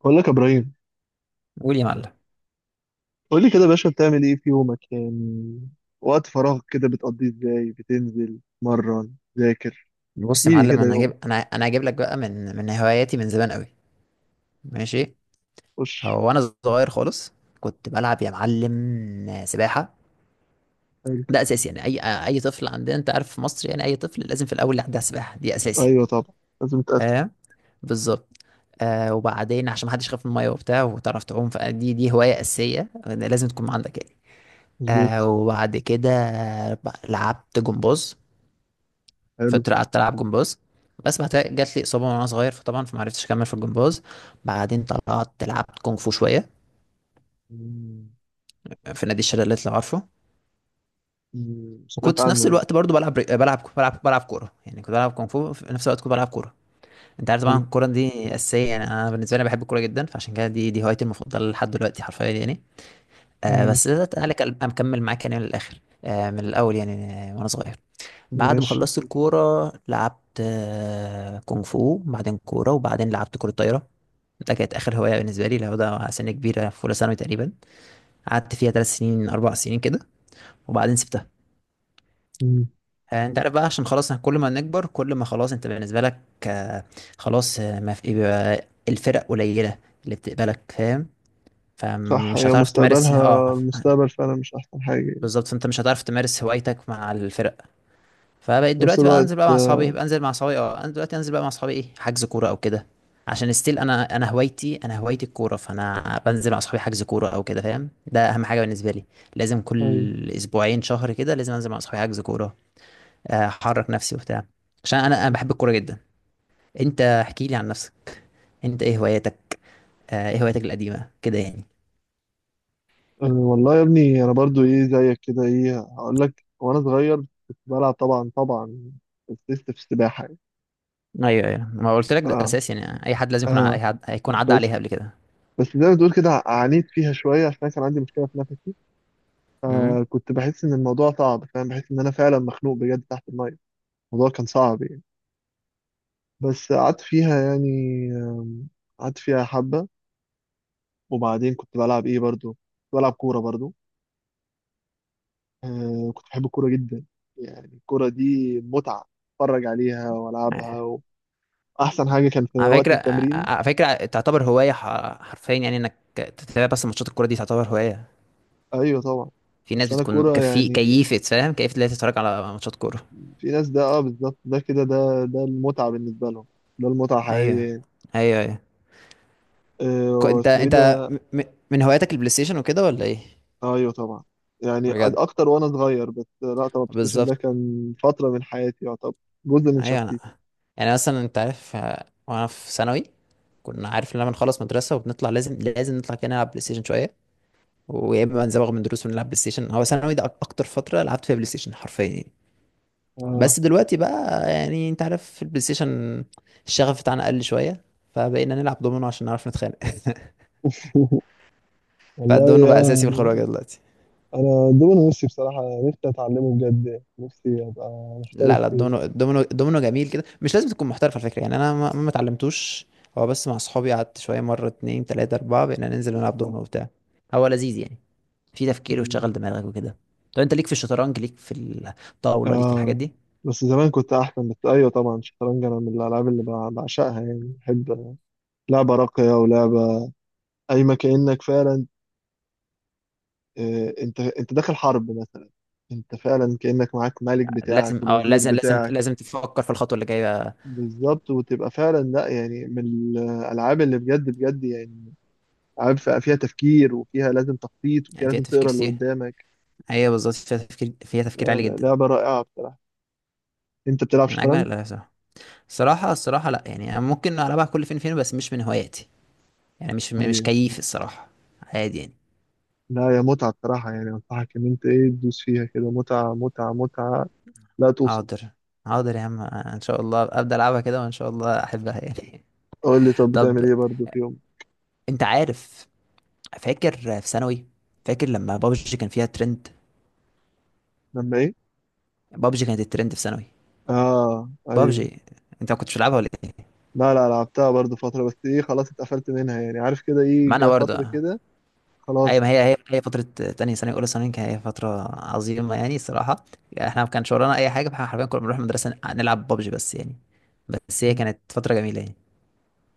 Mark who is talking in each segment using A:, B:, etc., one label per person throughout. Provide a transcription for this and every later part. A: بقول لك يا ابراهيم.
B: قول يا معلم.
A: قول لي كده يا باشا، بتعمل ايه في يومك يعني؟ وقت فراغك كده بتقضيه ازاي، بتنزل تمرن تذاكر؟
B: بص
A: احكي
B: يا
A: لي
B: معلم،
A: كده
B: انا
A: يوم.
B: هجيب انا انا هجيب لك بقى من هواياتي من زمان قوي. ماشي.
A: خش.
B: هو انا صغير خالص، كنت بلعب يا معلم سباحه.
A: حلو.
B: ده اساسي، يعني اي طفل عندنا، انت عارف في مصر، يعني اي طفل لازم في الاول يعدي على السباحه، دي اساسي.
A: ايوه طبعا. لازم تقفل.
B: فاهم؟ بالظبط. آه وبعدين عشان ما حدش يخاف من الميه وبتاع وتعرف تعوم، فدي هوايه اساسيه لازم تكون عندك يعني. آه
A: مظبوط.
B: وبعد كده لعبت جمباز.
A: حلو.
B: فقعدت العب جمباز، بس بعد كده جات لي اصابه وانا صغير، فطبعا فما عرفتش اكمل في الجمباز. بعدين طلعت لعبت كونغ فو شويه،
A: مم.
B: في نادي الشلالات لو عارفه.
A: مم،
B: وكنت
A: سمعت
B: في نفس
A: عنه يعني.
B: الوقت برضو بلعب كوره، يعني كنت بلعب كونغ فو في نفس الوقت كنت بلعب كوره. انت عارف طبعا
A: حلو.
B: الكوره دي اساسيه، يعني انا بالنسبه لي بحب الكوره جدا، فعشان كده دي هوايتي المفضله لحد دلوقتي حرفيا يعني. آه
A: مم.
B: بس ده تعالى اكمل معاك يعني من الاخر، من الاول يعني. وانا صغير، بعد ما
A: ماشي.
B: خلصت الكورة لعبت، كونغ فو، بعدين كورة، وبعدين لعبت كرة طايرة. ده كانت آخر هواية بالنسبة لي، لو ده على سن كبيرة، في أولى ثانوي تقريبا. قعدت فيها 3 سنين 4 سنين كده، وبعدين سبتها.
A: مم.
B: أنت عارف بقى، عشان خلاص كل ما نكبر كل ما خلاص، أنت بالنسبة لك آه، خلاص، ما في، بيبقى الفرق قليلة اللي بتقبلك، فاهم؟
A: صح،
B: فمش
A: هي
B: هتعرف تمارس
A: مستقبلها المستقبل فعلا، مش احسن حاجه يعني.
B: بالظبط، فأنت مش هتعرف تمارس هوايتك مع الفرق. فبقيت
A: في نفس
B: دلوقتي بقى
A: الوقت.
B: انزل بقى مع اصحابي، بنزل مع اصحابي، انا دلوقتي انزل بقى مع اصحابي، ايه، حجز كوره او كده. عشان ستيل انا هوايتي، انا هوايتي الكوره، فانا بنزل مع اصحابي حجز كوره او كده. فاهم؟ ده اهم حاجه بالنسبه لي، لازم
A: ايوه.
B: كل اسبوعين شهر كده لازم انزل مع اصحابي حجز كوره. احرك نفسي وبتاع، عشان انا بحب الكوره جدا. انت احكي لي عن نفسك، انت ايه هواياتك؟ ايه هواياتك القديمه كده يعني؟
A: والله يا ابني، انا برضو ايه زيك كده. ايه هقول لك، وانا صغير كنت بلعب طبعا طبعا. كنت لسه في السباحه.
B: ايوه ايوه، ما قلت لك ده
A: اه،
B: اساسي، يعني اي حد لازم يكون ع- اي
A: اه.
B: حد هيكون عدى
A: بس
B: عليها قبل كده.
A: بس زي ما تقول كده، عانيت فيها شويه عشان أنا كان عندي مشكله في نفسي.
B: امم.
A: فكنت بحس ان الموضوع صعب، فاهم؟ بحس ان انا فعلا مخنوق بجد تحت الميه. الموضوع كان صعب يعني. بس قعدت فيها يعني. آم، قعدت فيها حبه. وبعدين كنت بلعب ايه برضو. كنت بلعب كوره برضو. كنت بحب الكوره جدا. يعني الكوره دي متعه، اتفرج عليها والعبها، واحسن حاجه كان في
B: على
A: وقت
B: فكرة
A: التمرين.
B: على فكرة تعتبر هواية، حرفيا يعني، انك تتابع بس ماتشات الكورة دي تعتبر هواية.
A: ايوه طبعا.
B: في ناس
A: بس انا
B: بتكون
A: الكوره يعني،
B: كيفة، فاهم، كيفة، اللي هي تتفرج على ماتشات كورة.
A: في ناس، ده اه بالظبط، ده كده، ده المتعة بالنسبة لهم. ده المتعة
B: ايوه
A: حقيقية يعني.
B: ايوه ايوه. ك- انت
A: اسمه ايه
B: انت
A: ده؟
B: م- م- من هواياتك البلاي ستيشن وكده ولا ايه؟
A: ايوه طبعا. يعني
B: بجد؟
A: اكتر وانا صغير. بس لا طبعا، البلايستيشن ده
B: بالظبط.
A: كان فترة من حياتي، يعتبر جزء من
B: ايوه
A: شخصيتي.
B: انا. يعني مثلا انت عارف، وانا في ثانوي كنا، عارف، لما نخلص مدرسة وبنطلع لازم نطلع كده نلعب بلاي ستيشن شوية، ويا اما نزوغ من دروس ونلعب بلاي ستيشن. هو ثانوي ده اكتر فترة لعبت فيها بلاي ستيشن حرفيا.
A: اه.
B: بس دلوقتي بقى يعني، انت عارف، في البلاي ستيشن الشغف بتاعنا قل شويه، فبقينا نلعب دومينو عشان نعرف نتخانق. فالدومينو
A: والله
B: بقى
A: اه.
B: اساسي في الخروجه دلوقتي.
A: انا دول نفسي بصراحة، نفسي اتعلمه بجد، نفسي ابقى
B: لا
A: محترف
B: لا،
A: فيه.
B: الدومينو جميل كده، مش لازم تكون محترف على فكره. يعني انا ما اتعلمتوش، هو بس مع اصحابي قعدت شويه، مره اتنين تلاته اربعه بقينا ننزل نلعب دومينو وبتاع. هو لذيذ يعني، في تفكير
A: مم.
B: وشغل دماغك وكده. طب انت ليك في الشطرنج، ليك في الطاوله، ليك في الحاجات
A: اه،
B: دي؟
A: بس زمان كنت احسن. بس ايوه طبعا، الشطرنج انا من الالعاب اللي بعشقها يعني. بحب لعبة راقية ولعبة قايمة، كأنك فعلا انت داخل حرب مثلا. انت فعلا كأنك معاك ملك
B: لازم،
A: بتاعك
B: اه
A: والوزير
B: لازم لازم
A: بتاعك.
B: لازم تفكر في الخطوه اللي جايه.
A: بالظبط، وتبقى فعلا لا يعني من الالعاب اللي بجد بجد يعني. العاب فيها تفكير، وفيها لازم تخطيط، وفيها
B: يعني فيها
A: لازم
B: تفكير
A: تقرا اللي
B: كتير،
A: قدامك.
B: هي بالظبط فيها تفكير، فيها تفكير عالي جدا.
A: لعبه رائعه بصراحه. انت بتلعب
B: من اجمل
A: شطرنج؟
B: الالعاب صراحه. الصراحه لا، يعني أنا ممكن العبها كل فين فين، بس مش من هواياتي. يعني مش
A: ايوه.
B: كيف الصراحه، عادي يعني.
A: لا، يا متعه بصراحه يعني. انصحك ان انت ايه، تدوس فيها كده. متعه متعه متعه لا توصف.
B: حاضر، حاضر يا عم، ان شاء الله ابدا العبها كده وان شاء الله احبها يعني.
A: قول لي، طب
B: طب،
A: بتعمل ايه برضه في يوم؟
B: انت عارف، فاكر في ثانوي، فاكر لما بابجي كان فيها ترند؟
A: لما ايه؟
B: بابجي كانت الترند في ثانوي.
A: اه، ايوه.
B: بابجي. انت ما كنتش بتلعبها ولا ايه؟
A: لا، لا لعبتها برضو فترة، بس ايه خلاص اتقفلت منها يعني. عارف كده، ايه
B: ما انا
A: جه
B: برضه.
A: فترة كده.
B: ايوه،
A: خلاص.
B: ما هي هي فتره تانية ثانوي اولى ثانوي، كانت هي فتره عظيمه يعني الصراحه. يعني احنا ما كانش ورانا اي حاجه، فاحنا حرفيا كنا بنروح المدرسه نلعب ببجي بس يعني. بس هي كانت فتره جميله يعني.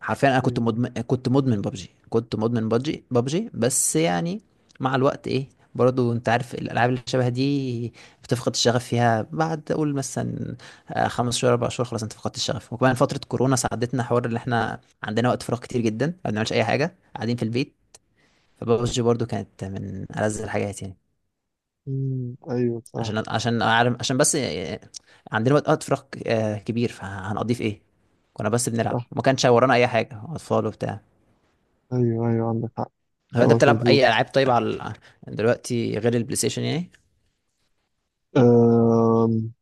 B: حرفيا انا كنت
A: أيوة.
B: مدمن كنت مدمن ببجي كنت مدمن ببجي بس يعني. مع الوقت ايه، برضو انت عارف الالعاب اللي شبه دي بتفقد الشغف فيها. بعد اقول مثلا، 5 شهور 4 شهور خلاص انت فقدت الشغف. وكمان فتره كورونا ساعدتنا، حوار اللي احنا عندنا وقت فراغ كتير جدا، ما بنعملش اي حاجه، قاعدين في البيت. فببجي برضو كانت من ألذ الحاجات يعني.
A: أيوة،
B: عشان
A: صح.
B: عشان أعرف عشان بس عندنا وقت فراغ كبير، فهنقضيه في ايه؟ كنا بس بنلعب،
A: صح.
B: ما كانش ورانا اي حاجة، اطفال وبتاع.
A: ايوه، ايوه، عندك حق.
B: هو انت
A: كلامك
B: بتلعب
A: مظبوط.
B: اي العاب طيب دلوقتي غير البلاي ستيشن يعني؟
A: أم...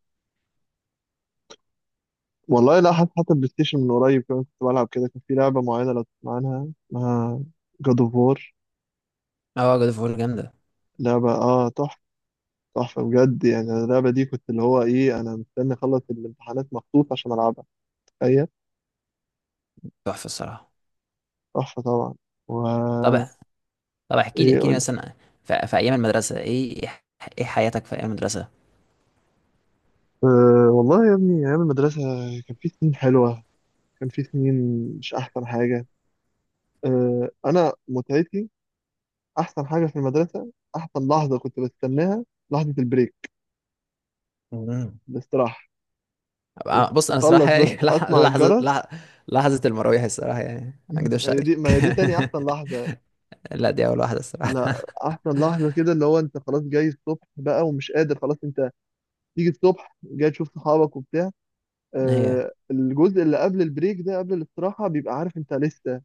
A: والله لا. حتى البلاي ستيشن من قريب كمان كنت بلعب. كده كان في لعبة معينة، لو تسمع عنها اسمها جاد اوف وور.
B: اه، جود اوف وور جامدة.
A: لعبة تحفة. تحفة بجد يعني. أنا اللعبة دي كنت، اللي هو ايه، انا مستني اخلص الامتحانات مخصوص عشان العبها. تخيل.
B: تحفة الصراحة.
A: تحفة طبعا. و،
B: طب، طب احكي لي
A: ايه
B: احكي لي
A: قول؟
B: مثلا، في ايام المدرسة ايه، ايه حياتك في ايام المدرسة؟
A: والله يا ابني، أيام المدرسة كان في سنين حلوة. كان في سنين، مش أحسن حاجة. أنا متعتي، أحسن حاجة في المدرسة، أحسن لحظة كنت بستناها، لحظة البريك.
B: مم.
A: الاستراحة.
B: بص انا
A: وتخلص
B: صراحة
A: بس
B: يعني، لح-
A: أسمع
B: لحظة
A: الجرس.
B: لح- لحظة المراويح الصراحة يعني، ما اكدبش
A: هي
B: عليك.
A: دي، ما هي دي تاني أحسن لحظة.
B: لا دي اول واحده الصراحه.
A: لا، أحسن لحظة كده اللي هو أنت خلاص جاي الصبح بقى ومش قادر، خلاص أنت تيجي الصبح، جاي تشوف صحابك وبتاع.
B: ايوه
A: الجزء اللي قبل البريك ده، قبل الاستراحة، بيبقى عارف أنت لسه،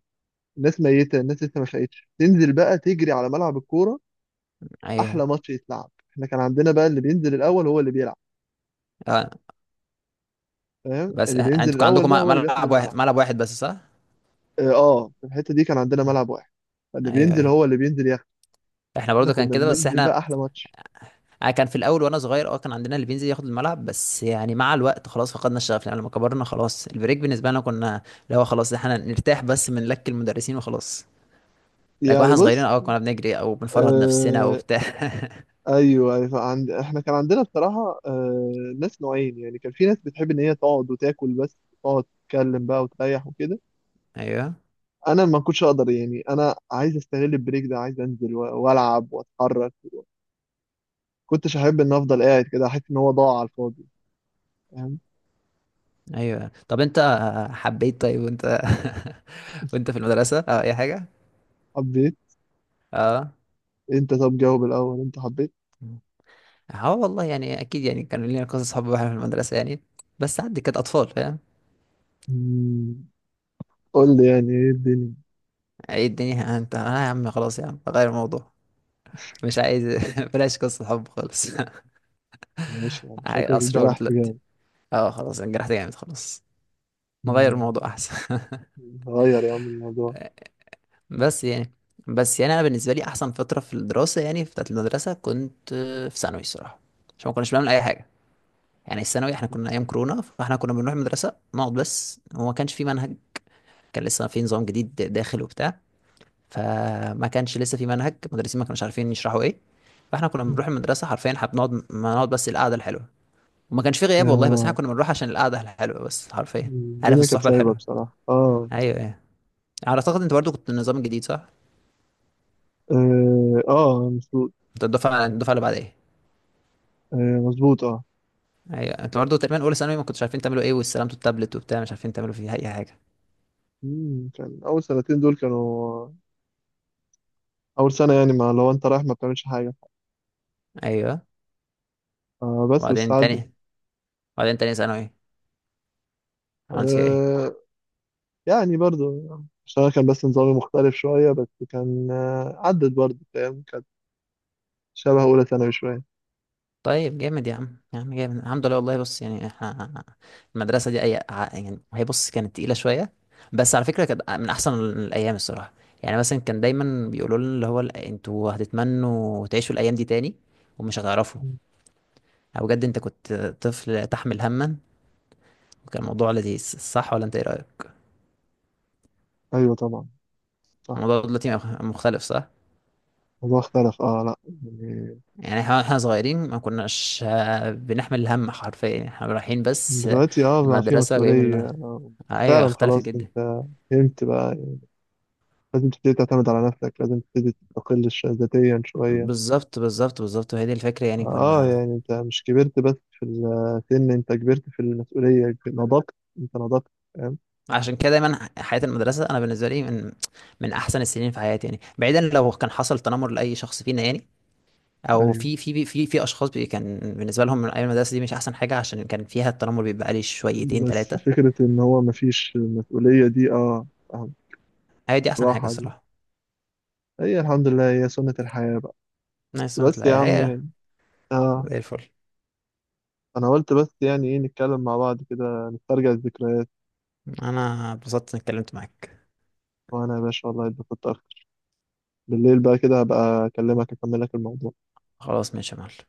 A: الناس ميتة، الناس لسه ما فاقتش. تنزل بقى تجري على ملعب الكورة، أحلى
B: ايوه
A: ماتش يتلعب. احنا كان عندنا بقى اللي بينزل الأول هو اللي بيلعب،
B: اه.
A: فاهم؟
B: بس
A: اللي بينزل
B: انتوا كان
A: الأول
B: عندكم
A: ده هو اللي بياخد
B: ملعب
A: الملعب.
B: واحد، ملعب واحد بس، صح؟
A: اه. في الحتة دي كان عندنا
B: اه،
A: ملعب واحد. فاللي
B: ايوه
A: بينزل
B: ايوه،
A: هو اللي بينزل ياخد.
B: احنا
A: احنا
B: برضو كان
A: كنا
B: كده، بس
A: بننزل بقى
B: احنا
A: أحلى ماتش.
B: اه، كان في الاول وانا صغير، كان عندنا اللي بينزل ياخد الملعب، بس يعني مع الوقت خلاص فقدنا الشغف، يعني لما كبرنا خلاص البريك بالنسبه لنا كنا اللي هو خلاص احنا نرتاح بس من لك المدرسين وخلاص. لكن
A: يعني
B: واحنا صغيرين
A: بص.
B: كنا بنجري او بنفرهد نفسنا
A: آه.
B: وبتاع.
A: ايوه، أيوة، احنا كان عندنا بصراحه، ناس نوعين يعني. كان في ناس بتحب ان هي تقعد وتاكل بس، تقعد تتكلم بقى وتريح وكده.
B: ايوه
A: انا ما كنتش اقدر يعني. انا عايز استغل البريك ده، عايز انزل والعب واتحرك. كنتش احب ان افضل قاعد كده، احس ان هو ضاع على الفاضي. فاهم؟
B: ايوه. طب انت حبيت؟ طيب وانت، وانت في المدرسه اي حاجه؟
A: حبيت.
B: اه،
A: انت طب جاوب الاول، انت حبيت؟
B: اه والله يعني اكيد، يعني كانوا لينا قصص حب واحنا في المدرسه يعني، بس عندي كانت اطفال، فاهم؟
A: مم. قول لي يعني، ايه الدنيا؟
B: ايه الدنيا انت، انا يا عم خلاص، يا عم غير الموضوع، مش عايز، بلاش قصه حب خالص.
A: ماشي، يعني شكلك
B: اسرار
A: اتجرحت
B: دلوقتي.
A: جامد.
B: اه خلاص، انجرحت جامد خلاص، نغير
A: مم.
B: الموضوع احسن.
A: غير يا عم الموضوع.
B: بس يعني بس يعني انا بالنسبه لي احسن فتره في الدراسه، يعني في بتاعت المدرسه، كنت في ثانوي الصراحه، عشان ما كناش بنعمل اي حاجه. يعني الثانوي احنا كنا ايام كورونا، فاحنا كنا بنروح المدرسه نقعد بس، وما كانش في منهج، كان لسه في نظام جديد داخل وبتاع. فما كانش لسه في منهج، المدرسين ما كانوش عارفين يشرحوا ايه. فاحنا كنا بنروح المدرسه حرفيا، احنا بنقعد، ما نقعد بس القعده الحلوه. وما كانش في غياب والله، بس احنا
A: آه.
B: كنا بنروح عشان القعده الحلوه بس حرفيا. عارف،
A: الدنيا كانت
B: الصحبه
A: سايبة
B: الحلوه.
A: بصراحة، اه.
B: ايوه ايوه. على اعتقد انت برضو كنت النظام الجديد صح؟
A: اه. مظبوط.
B: انت الدفعه اللي بعد ايه.
A: آه، مظبوط، اه.
B: ايوه انت برضو تقريبا اولى ثانوي، ما كنتش عارفين تعملوا ايه، واستلمتوا التابلت وبتاع مش عارفين تعملوا فيه اي حاجه.
A: كان أول سنتين دول كانوا أول سنة، يعني ما لو أنت رايح ما بتعملش حاجة.
B: ايوه.
A: بس
B: وبعدين
A: والساعات.
B: تاني وبعدين تاني ثانوي عملت فيها ايه؟
A: آه، يعني برضو، عشان أنا كان بس نظامي مختلف شوية. بس كان عدت برضو، فاهم؟ كانت شبه أولى ثانوي شوية.
B: طيب جامد يا عم، يا عم جامد، الحمد لله والله. بص يعني احنا المدرسة دي يعني، هي بص كانت تقيلة شوية، بس على فكرة كانت من أحسن الأيام الصراحة. يعني مثلا كان دايما بيقولوا لنا اللي هو انتوا هتتمنوا تعيشوا الأيام دي تاني ومش هتعرفوا.
A: مم.
B: أو بجد انت كنت طفل تحمل هما، وكان الموضوع لذيذ، صح ولا انت ايه رأيك؟
A: أيوة طبعا. صح.
B: الموضوع دلوقتي مختلف صح؟
A: الموضوع اختلف، اه لا يعني،
B: يعني احنا صغيرين ما كناش بنحمل الهم حرفيا، احنا رايحين بس،
A: دلوقتي بقى في
B: المدرسة جايين
A: مسؤولية.
B: من... ايوه
A: فعلا
B: اختلفت
A: خلاص،
B: جدا.
A: انت فهمت بقى يعني. لازم تبتدي تعتمد على نفسك، لازم تبتدي تستقل ذاتيا شوية.
B: بالظبط بالظبط بالظبط، وهي دي الفكرة. يعني
A: اه
B: كنا،
A: يعني انت مش كبرت بس في السن، انت كبرت في المسؤولية، نضجت. انت نضجت، فاهم؟
B: عشان كده دايما حياة المدرسة أنا بالنسبة لي من أحسن السنين في حياتي، يعني بعيدا لو كان حصل تنمر لأي شخص فينا يعني، أو
A: ايوه.
B: في أشخاص بي كان بالنسبة لهم من أيام المدرسة دي مش أحسن حاجة عشان كان فيها التنمر بيبقى عليه شويتين
A: بس
B: تلاتة.
A: فكرة إن هو مفيش مسؤولية دي. آه،
B: هي دي أحسن حاجة
A: راحة دي
B: الصراحة.
A: هي. الحمد لله، هي سنة الحياة بقى.
B: نايس، سنة
A: بس يا
B: الحياة
A: عم
B: هي.
A: يعني. آه.
B: زي الفل.
A: أنا قلت بس، يعني إيه، نتكلم مع بعض كده، نسترجع الذكريات.
B: أنا اتبسطت إني اتكلمت معاك.
A: وأنا يا باشا والله اتبسطت أكتر. بالليل بقى كده هبقى أكلمك، أكمل لك الموضوع.
B: خلاص ماشي يا معلم.